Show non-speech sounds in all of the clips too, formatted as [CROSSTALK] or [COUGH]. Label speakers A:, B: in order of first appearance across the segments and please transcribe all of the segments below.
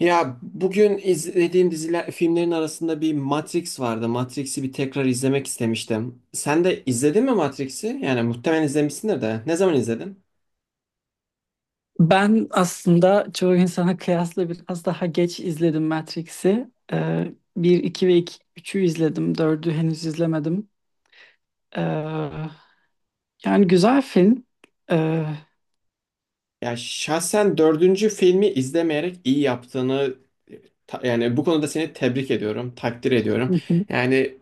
A: Ya bugün izlediğim diziler, filmlerin arasında bir Matrix vardı. Matrix'i bir tekrar izlemek istemiştim. Sen de izledin mi Matrix'i? Yani muhtemelen izlemişsindir de. Ne zaman izledin?
B: Ben aslında çoğu insana kıyasla biraz daha geç izledim Matrix'i. 1, 2 ve 2 üçü izledim. Dördü henüz izlemedim. Ee, yani güzel film. Ee,
A: Ya şahsen dördüncü filmi izlemeyerek iyi yaptığını yani bu konuda seni tebrik ediyorum, takdir ediyorum.
B: Hı hı.
A: Yani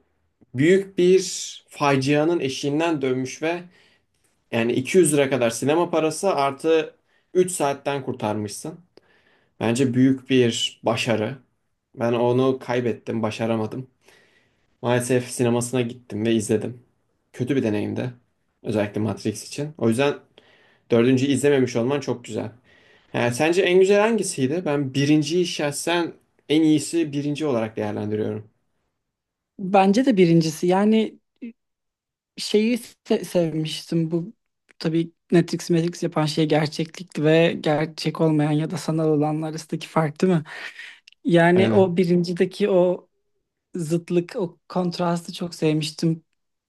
A: büyük bir facianın eşiğinden dönmüş ve yani 200 lira kadar sinema parası artı 3 saatten kurtarmışsın. Bence büyük bir başarı. Ben onu kaybettim, başaramadım. Maalesef sinemasına gittim ve izledim. Kötü bir deneyimdi. Özellikle Matrix için. O yüzden dördüncüyü izlememiş olman çok güzel. Yani sence en güzel hangisiydi? Ben birinciyi şahsen en iyisi birinci olarak değerlendiriyorum.
B: Bence de birincisi. Yani şeyi sevmiştim. Bu tabii Matrix Matrix yapan şey gerçeklikti ve gerçek olmayan ya da sanal olanlar arasındaki fark değil mi? Yani
A: Aynen.
B: o birincideki o zıtlık, o kontrastı çok sevmiştim.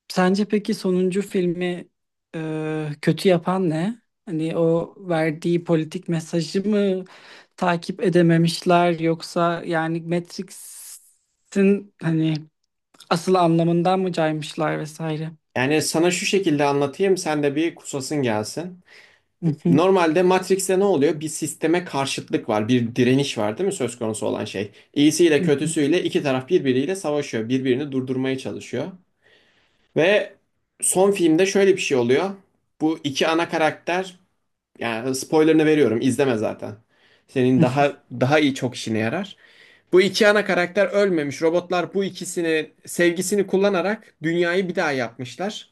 B: Sence peki sonuncu filmi kötü yapan ne? Hani o verdiği politik mesajı mı takip edememişler yoksa yani Matrix'in hani asıl anlamından mı caymışlar vesaire?
A: Yani sana şu şekilde anlatayım, sen de bir kusasın gelsin.
B: [LAUGHS]
A: Normalde Matrix'te ne oluyor? Bir sisteme karşıtlık var, bir direniş var, değil mi söz konusu olan şey? İyisiyle
B: Hı hı,
A: kötüsüyle iki taraf birbiriyle savaşıyor, birbirini durdurmaya çalışıyor. Ve son filmde şöyle bir şey oluyor. Bu iki ana karakter, yani spoilerını veriyorum. İzleme zaten. Senin
B: hı
A: daha iyi çok işine yarar. Bu iki ana karakter ölmemiş. Robotlar bu ikisini sevgisini kullanarak dünyayı bir daha yapmışlar.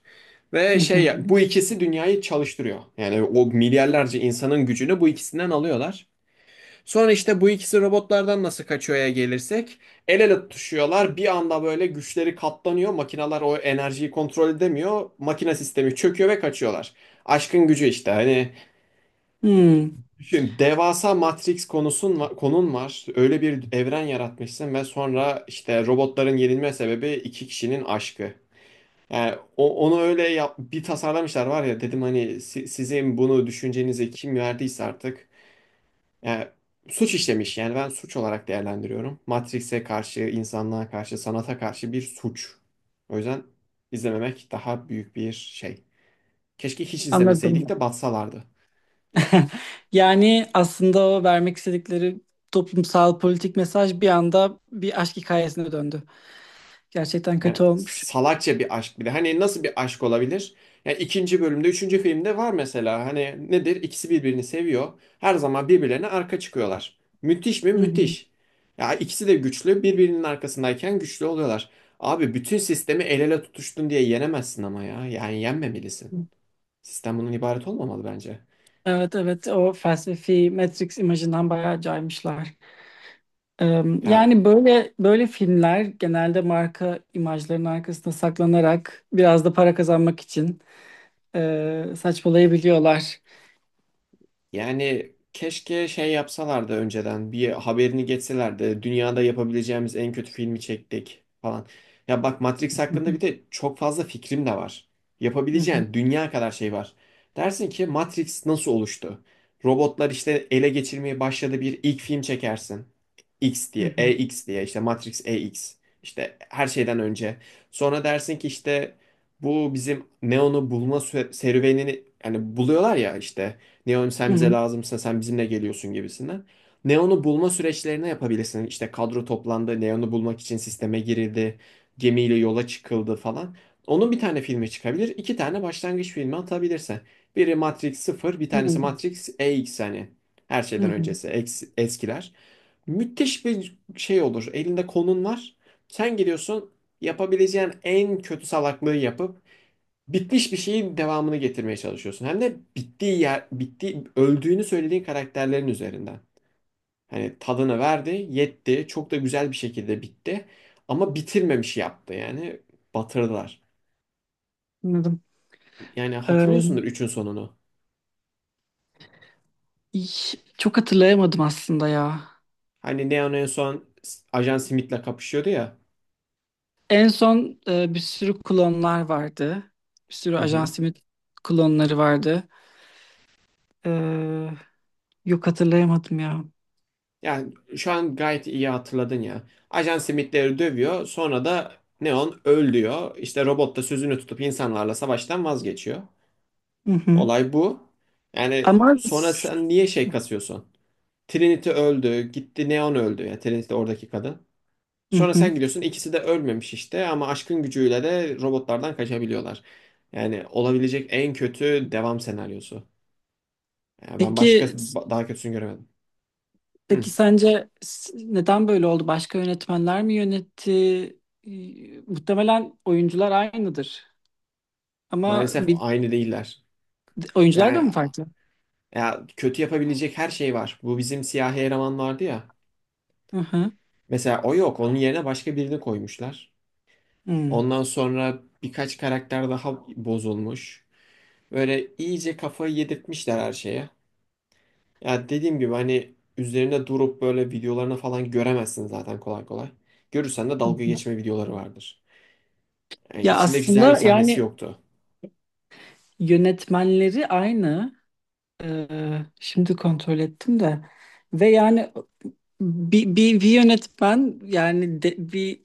B: hı,
A: Ve
B: hı
A: şey,
B: hı.
A: bu ikisi dünyayı çalıştırıyor. Yani o milyarlarca insanın gücünü bu ikisinden alıyorlar. Sonra işte bu ikisi robotlardan nasıl kaçıyor'ya gelirsek el ele tutuşuyorlar. Bir anda böyle güçleri katlanıyor. Makineler o enerjiyi kontrol edemiyor. Makine sistemi çöküyor ve kaçıyorlar. Aşkın gücü işte. Hani
B: Hmm,
A: düşün, devasa Matrix konun var. Öyle bir evren yaratmışsın ve sonra işte robotların yenilme sebebi iki kişinin aşkı. Yani onu öyle yap, bir tasarlamışlar var ya, dedim hani sizin bunu düşüncenize kim verdiyse artık yani suç işlemiş. Yani ben suç olarak değerlendiriyorum. Matrix'e karşı, insanlığa karşı, sanata karşı bir suç. O yüzden izlememek daha büyük bir şey. Keşke hiç izlemeseydik
B: anladım.
A: de batsalardı.
B: [LAUGHS] Yani aslında o vermek istedikleri toplumsal politik mesaj bir anda bir aşk hikayesine döndü. Gerçekten
A: Yani
B: kötü olmuş.
A: salakça bir aşk bir de. Hani nasıl bir aşk olabilir? Yani ikinci bölümde, üçüncü filmde var mesela. Hani nedir? İkisi birbirini seviyor. Her zaman birbirlerine arka çıkıyorlar. Müthiş mi?
B: Hı hı.
A: Müthiş. Ya, ikisi de güçlü. Birbirinin arkasındayken güçlü oluyorlar. Abi bütün sistemi el ele tutuştun diye yenemezsin ama ya. Yani yenmemelisin. Sistem bunun ibaret olmamalı bence.
B: Evet, evet, o felsefi Matrix imajından bayağı caymışlar. Ee,
A: Ya,
B: yani böyle böyle filmler genelde marka imajlarının arkasında saklanarak biraz da para kazanmak için saçmalayabiliyorlar.
A: yani keşke şey yapsalardı, önceden bir haberini geçselerdi. Dünyada yapabileceğimiz en kötü filmi çektik falan. Ya bak, Matrix
B: Hı
A: hakkında bir de çok fazla fikrim de var.
B: hı,
A: Yapabileceğin dünya kadar şey var. Dersin ki Matrix nasıl oluştu? Robotlar işte ele geçirmeye başladı, bir ilk film çekersin. X
B: hı
A: diye, E
B: hı,
A: X diye işte Matrix EX, İşte her şeyden önce. Sonra dersin ki işte bu bizim Neo'nu bulma serüvenini, yani buluyorlar ya işte, Neon
B: hı
A: sen bize
B: hı,
A: lazımsın, sen bizimle geliyorsun gibisinden. Neon'u bulma süreçlerini yapabilirsin. İşte kadro toplandı, Neon'u bulmak için sisteme girildi, gemiyle yola çıkıldı falan. Onun bir tane filmi çıkabilir, iki tane başlangıç filmi atabilirse. Biri Matrix sıfır, bir
B: hı
A: tanesi
B: hı,
A: Matrix EX, hani her
B: hı
A: şeyden
B: hı.
A: öncesi eskiler. Müthiş bir şey olur. Elinde konun var. Sen gidiyorsun, yapabileceğin en kötü salaklığı yapıp bitmiş bir şeyin devamını getirmeye çalışıyorsun. Hem de bittiği yer, bittiği, öldüğünü söylediğin karakterlerin üzerinden. Hani tadını verdi, yetti, çok da güzel bir şekilde bitti. Ama bitirmemiş yaptı, yani batırdılar.
B: Anladım.
A: Yani hatırlıyorsundur
B: Ee,
A: üçün sonunu.
B: çok hatırlayamadım aslında ya.
A: Hani Neon en son Ajan Smith'le kapışıyordu ya.
B: En son bir sürü klonlar vardı. Bir sürü
A: Hı
B: Ajan
A: hı.
B: Smith klonları vardı. Ee, yok hatırlayamadım ya.
A: Yani şu an gayet iyi hatırladın ya. Ajan Smith'leri dövüyor, sonra da Neon öl diyor. İşte robot da sözünü tutup insanlarla savaştan vazgeçiyor.
B: Hı hı.
A: Olay bu. Yani
B: Ama
A: sonra
B: s-
A: sen niye şey kasıyorsun? Trinity öldü, gitti, Neon öldü. Yani Trinity oradaki kadın.
B: hı
A: Sonra sen
B: hı.
A: gidiyorsun, ikisi de ölmemiş işte, ama aşkın gücüyle de robotlardan kaçabiliyorlar. Yani olabilecek en kötü devam senaryosu. Yani ben
B: Peki
A: başka
B: s-
A: daha kötüsünü göremedim. Hı.
B: peki sence neden böyle oldu? Başka yönetmenler mi yönetti? Muhtemelen oyuncular aynıdır. Ama
A: Maalesef aynı değiller.
B: oyuncular da
A: Yani
B: mı farklı?
A: ya, kötü yapabilecek her şey var. Bu bizim siyahi eleman vardı ya.
B: Hı hı.
A: Mesela o yok. Onun yerine başka birini koymuşlar.
B: Hı.
A: Ondan sonra birkaç karakter daha bozulmuş. Böyle iyice kafayı yedirtmişler her şeye. Ya dediğim gibi, hani üzerine durup böyle videolarını falan göremezsin zaten kolay kolay. Görürsen de dalga geçme videoları vardır. Yani
B: Ya
A: içinde güzel bir
B: aslında
A: sahnesi
B: yani
A: yoktu.
B: yönetmenleri aynı. Şimdi kontrol ettim de. Ve yani bir yönetmen yani bir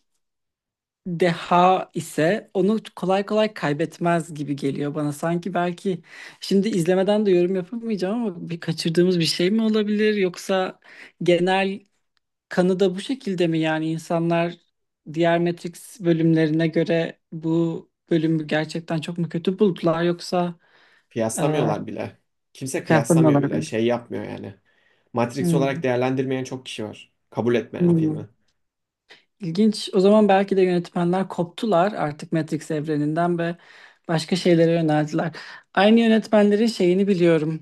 B: deha ise onu kolay kolay kaybetmez gibi geliyor bana. Sanki belki şimdi izlemeden de yorum yapamayacağım ama bir kaçırdığımız bir şey mi olabilir yoksa genel kanı da bu şekilde mi yani insanlar diğer Matrix bölümlerine göre bu bölümü gerçekten çok mu kötü buldular yoksa e,
A: Kıyaslamıyorlar bile. Kimse
B: kıyaslama
A: kıyaslamıyor bile.
B: olabilir.
A: Şey yapmıyor yani. Matrix olarak
B: Hmm.
A: değerlendirmeyen çok kişi var. Kabul etmeyen
B: Hmm.
A: filmi.
B: İlginç. O zaman belki de yönetmenler koptular artık Matrix evreninden ve başka şeylere yöneldiler. Aynı yönetmenlerin şeyini biliyorum.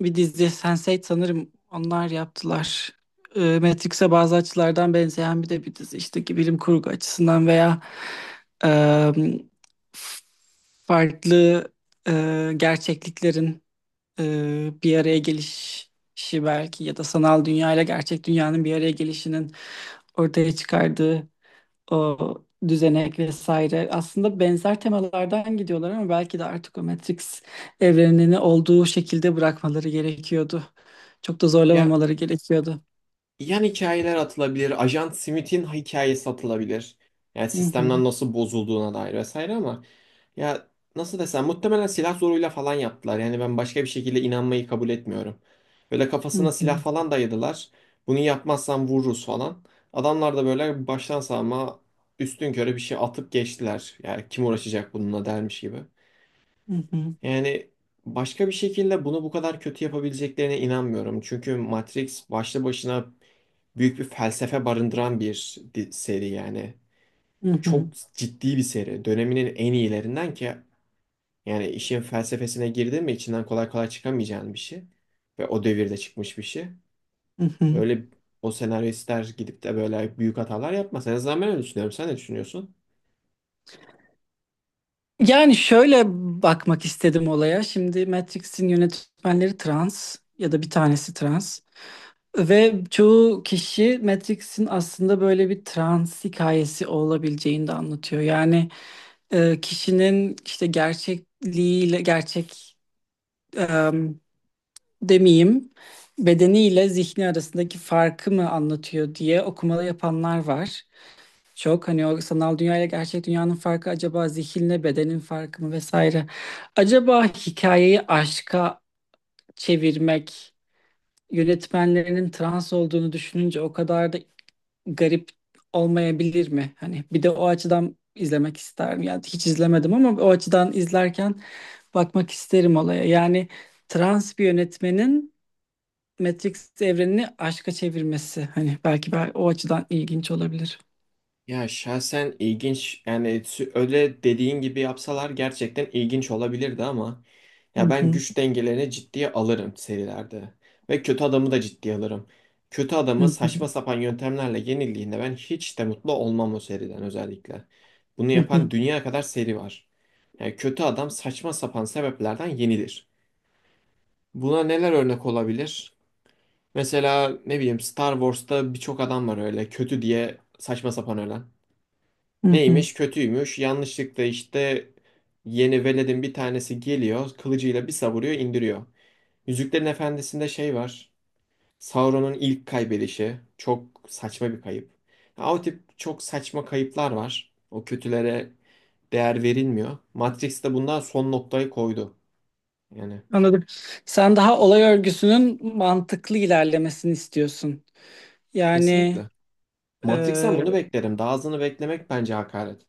B: Bir dizi Sense8 sanırım onlar yaptılar. Matrix'e bazı açılardan benzeyen bir de bir dizi işte ki bilim kurgu açısından veya e, f- farklı gerçekliklerin bir araya gelişi belki ya da sanal dünya ile gerçek dünyanın bir araya gelişinin ortaya çıkardığı o düzenek vesaire. Aslında benzer temalardan gidiyorlar ama belki de artık o Matrix evrenini olduğu şekilde bırakmaları gerekiyordu. Çok da
A: Ya,
B: zorlamamaları gerekiyordu.
A: yan hikayeler atılabilir. Ajan Smith'in hikayesi atılabilir. Yani
B: Hı hı,
A: sistemden nasıl bozulduğuna dair vesaire ama ya, nasıl desem, muhtemelen silah zoruyla falan yaptılar. Yani ben başka bir şekilde inanmayı kabul etmiyorum. Böyle
B: hı
A: kafasına silah
B: hı,
A: falan dayadılar. Bunu yapmazsan vururuz falan. Adamlar da böyle baştan savma, üstünkörü bir şey atıp geçtiler. Yani kim uğraşacak bununla dermiş gibi.
B: hı hı,
A: Yani başka bir şekilde bunu bu kadar kötü yapabileceklerine inanmıyorum. Çünkü Matrix başlı başına büyük bir felsefe barındıran bir seri yani.
B: hı
A: Çok
B: hı,
A: ciddi bir seri. Döneminin en iyilerinden ki yani işin felsefesine girdi mi içinden kolay kolay çıkamayacağın bir şey. Ve o devirde çıkmış bir şey.
B: hı hı.
A: Öyle o senaristler gidip de böyle büyük hatalar yapmaz. En azından ben öyle düşünüyorum. Sen ne düşünüyorsun?
B: Yani şöyle bakmak istedim olaya. Şimdi Matrix'in yönetmenleri trans ya da bir tanesi trans. Ve çoğu kişi Matrix'in aslında böyle bir trans hikayesi olabileceğini de anlatıyor. Yani kişinin işte gerçekliğiyle, gerçek e, demeyeyim, bedeniyle zihni arasındaki farkı mı anlatıyor diye okumalı yapanlar var. Çok hani o sanal dünya ile gerçek dünyanın farkı acaba zihinle bedenin farkı mı vesaire. Acaba hikayeyi aşka çevirmek yönetmenlerinin trans olduğunu düşününce o kadar da garip olmayabilir mi? Hani bir de o açıdan izlemek isterim. Yani hiç izlemedim ama o açıdan izlerken bakmak isterim olaya. Yani trans bir yönetmenin Matrix evrenini aşka çevirmesi hani belki o açıdan ilginç olabilir.
A: Ya şahsen ilginç, yani öyle dediğin gibi yapsalar gerçekten ilginç olabilirdi ama
B: Hı
A: ya, ben
B: hı,
A: güç dengelerini ciddiye alırım serilerde ve kötü adamı da ciddiye alırım. Kötü
B: hı
A: adamı
B: hı,
A: saçma sapan yöntemlerle yenildiğinde ben hiç de mutlu olmam o seriden, özellikle. Bunu
B: hı
A: yapan
B: hı,
A: dünya kadar seri var. Yani kötü adam saçma sapan sebeplerden yenilir. Buna neler örnek olabilir? Mesela ne bileyim, Star Wars'ta birçok adam var öyle kötü diye saçma sapan ölen.
B: hı hı.
A: Neymiş, kötüymüş. Yanlışlıkla işte yeni veledin bir tanesi geliyor. Kılıcıyla bir savuruyor, indiriyor. Yüzüklerin Efendisi'nde şey var. Sauron'un ilk kaybedişi. Çok saçma bir kayıp. Ya, o tip çok saçma kayıplar var. O kötülere değer verilmiyor. Matrix de bundan son noktayı koydu. Yani
B: Anladım. Sen daha olay örgüsünün mantıklı ilerlemesini istiyorsun. Yani
A: kesinlikle. Matrix'ten bunu beklerim. Daha azını beklemek bence hakaret.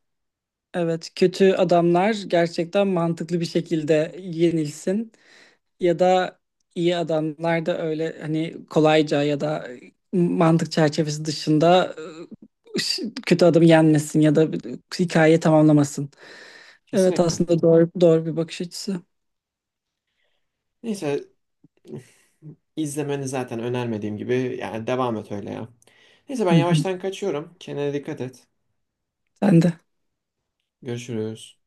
B: Evet, kötü adamlar gerçekten mantıklı bir şekilde yenilsin ya da iyi adamlar da öyle hani kolayca ya da mantık çerçevesi dışında kötü adamı yenmesin ya da hikayeyi tamamlamasın. Evet
A: Kesinlikle.
B: aslında doğru doğru bir bakış açısı.
A: Neyse, İzlemeni zaten önermediğim gibi, yani devam et öyle ya. Neyse, ben
B: Hı hı.
A: yavaştan kaçıyorum. Kendine dikkat et.
B: Sen de.
A: Görüşürüz.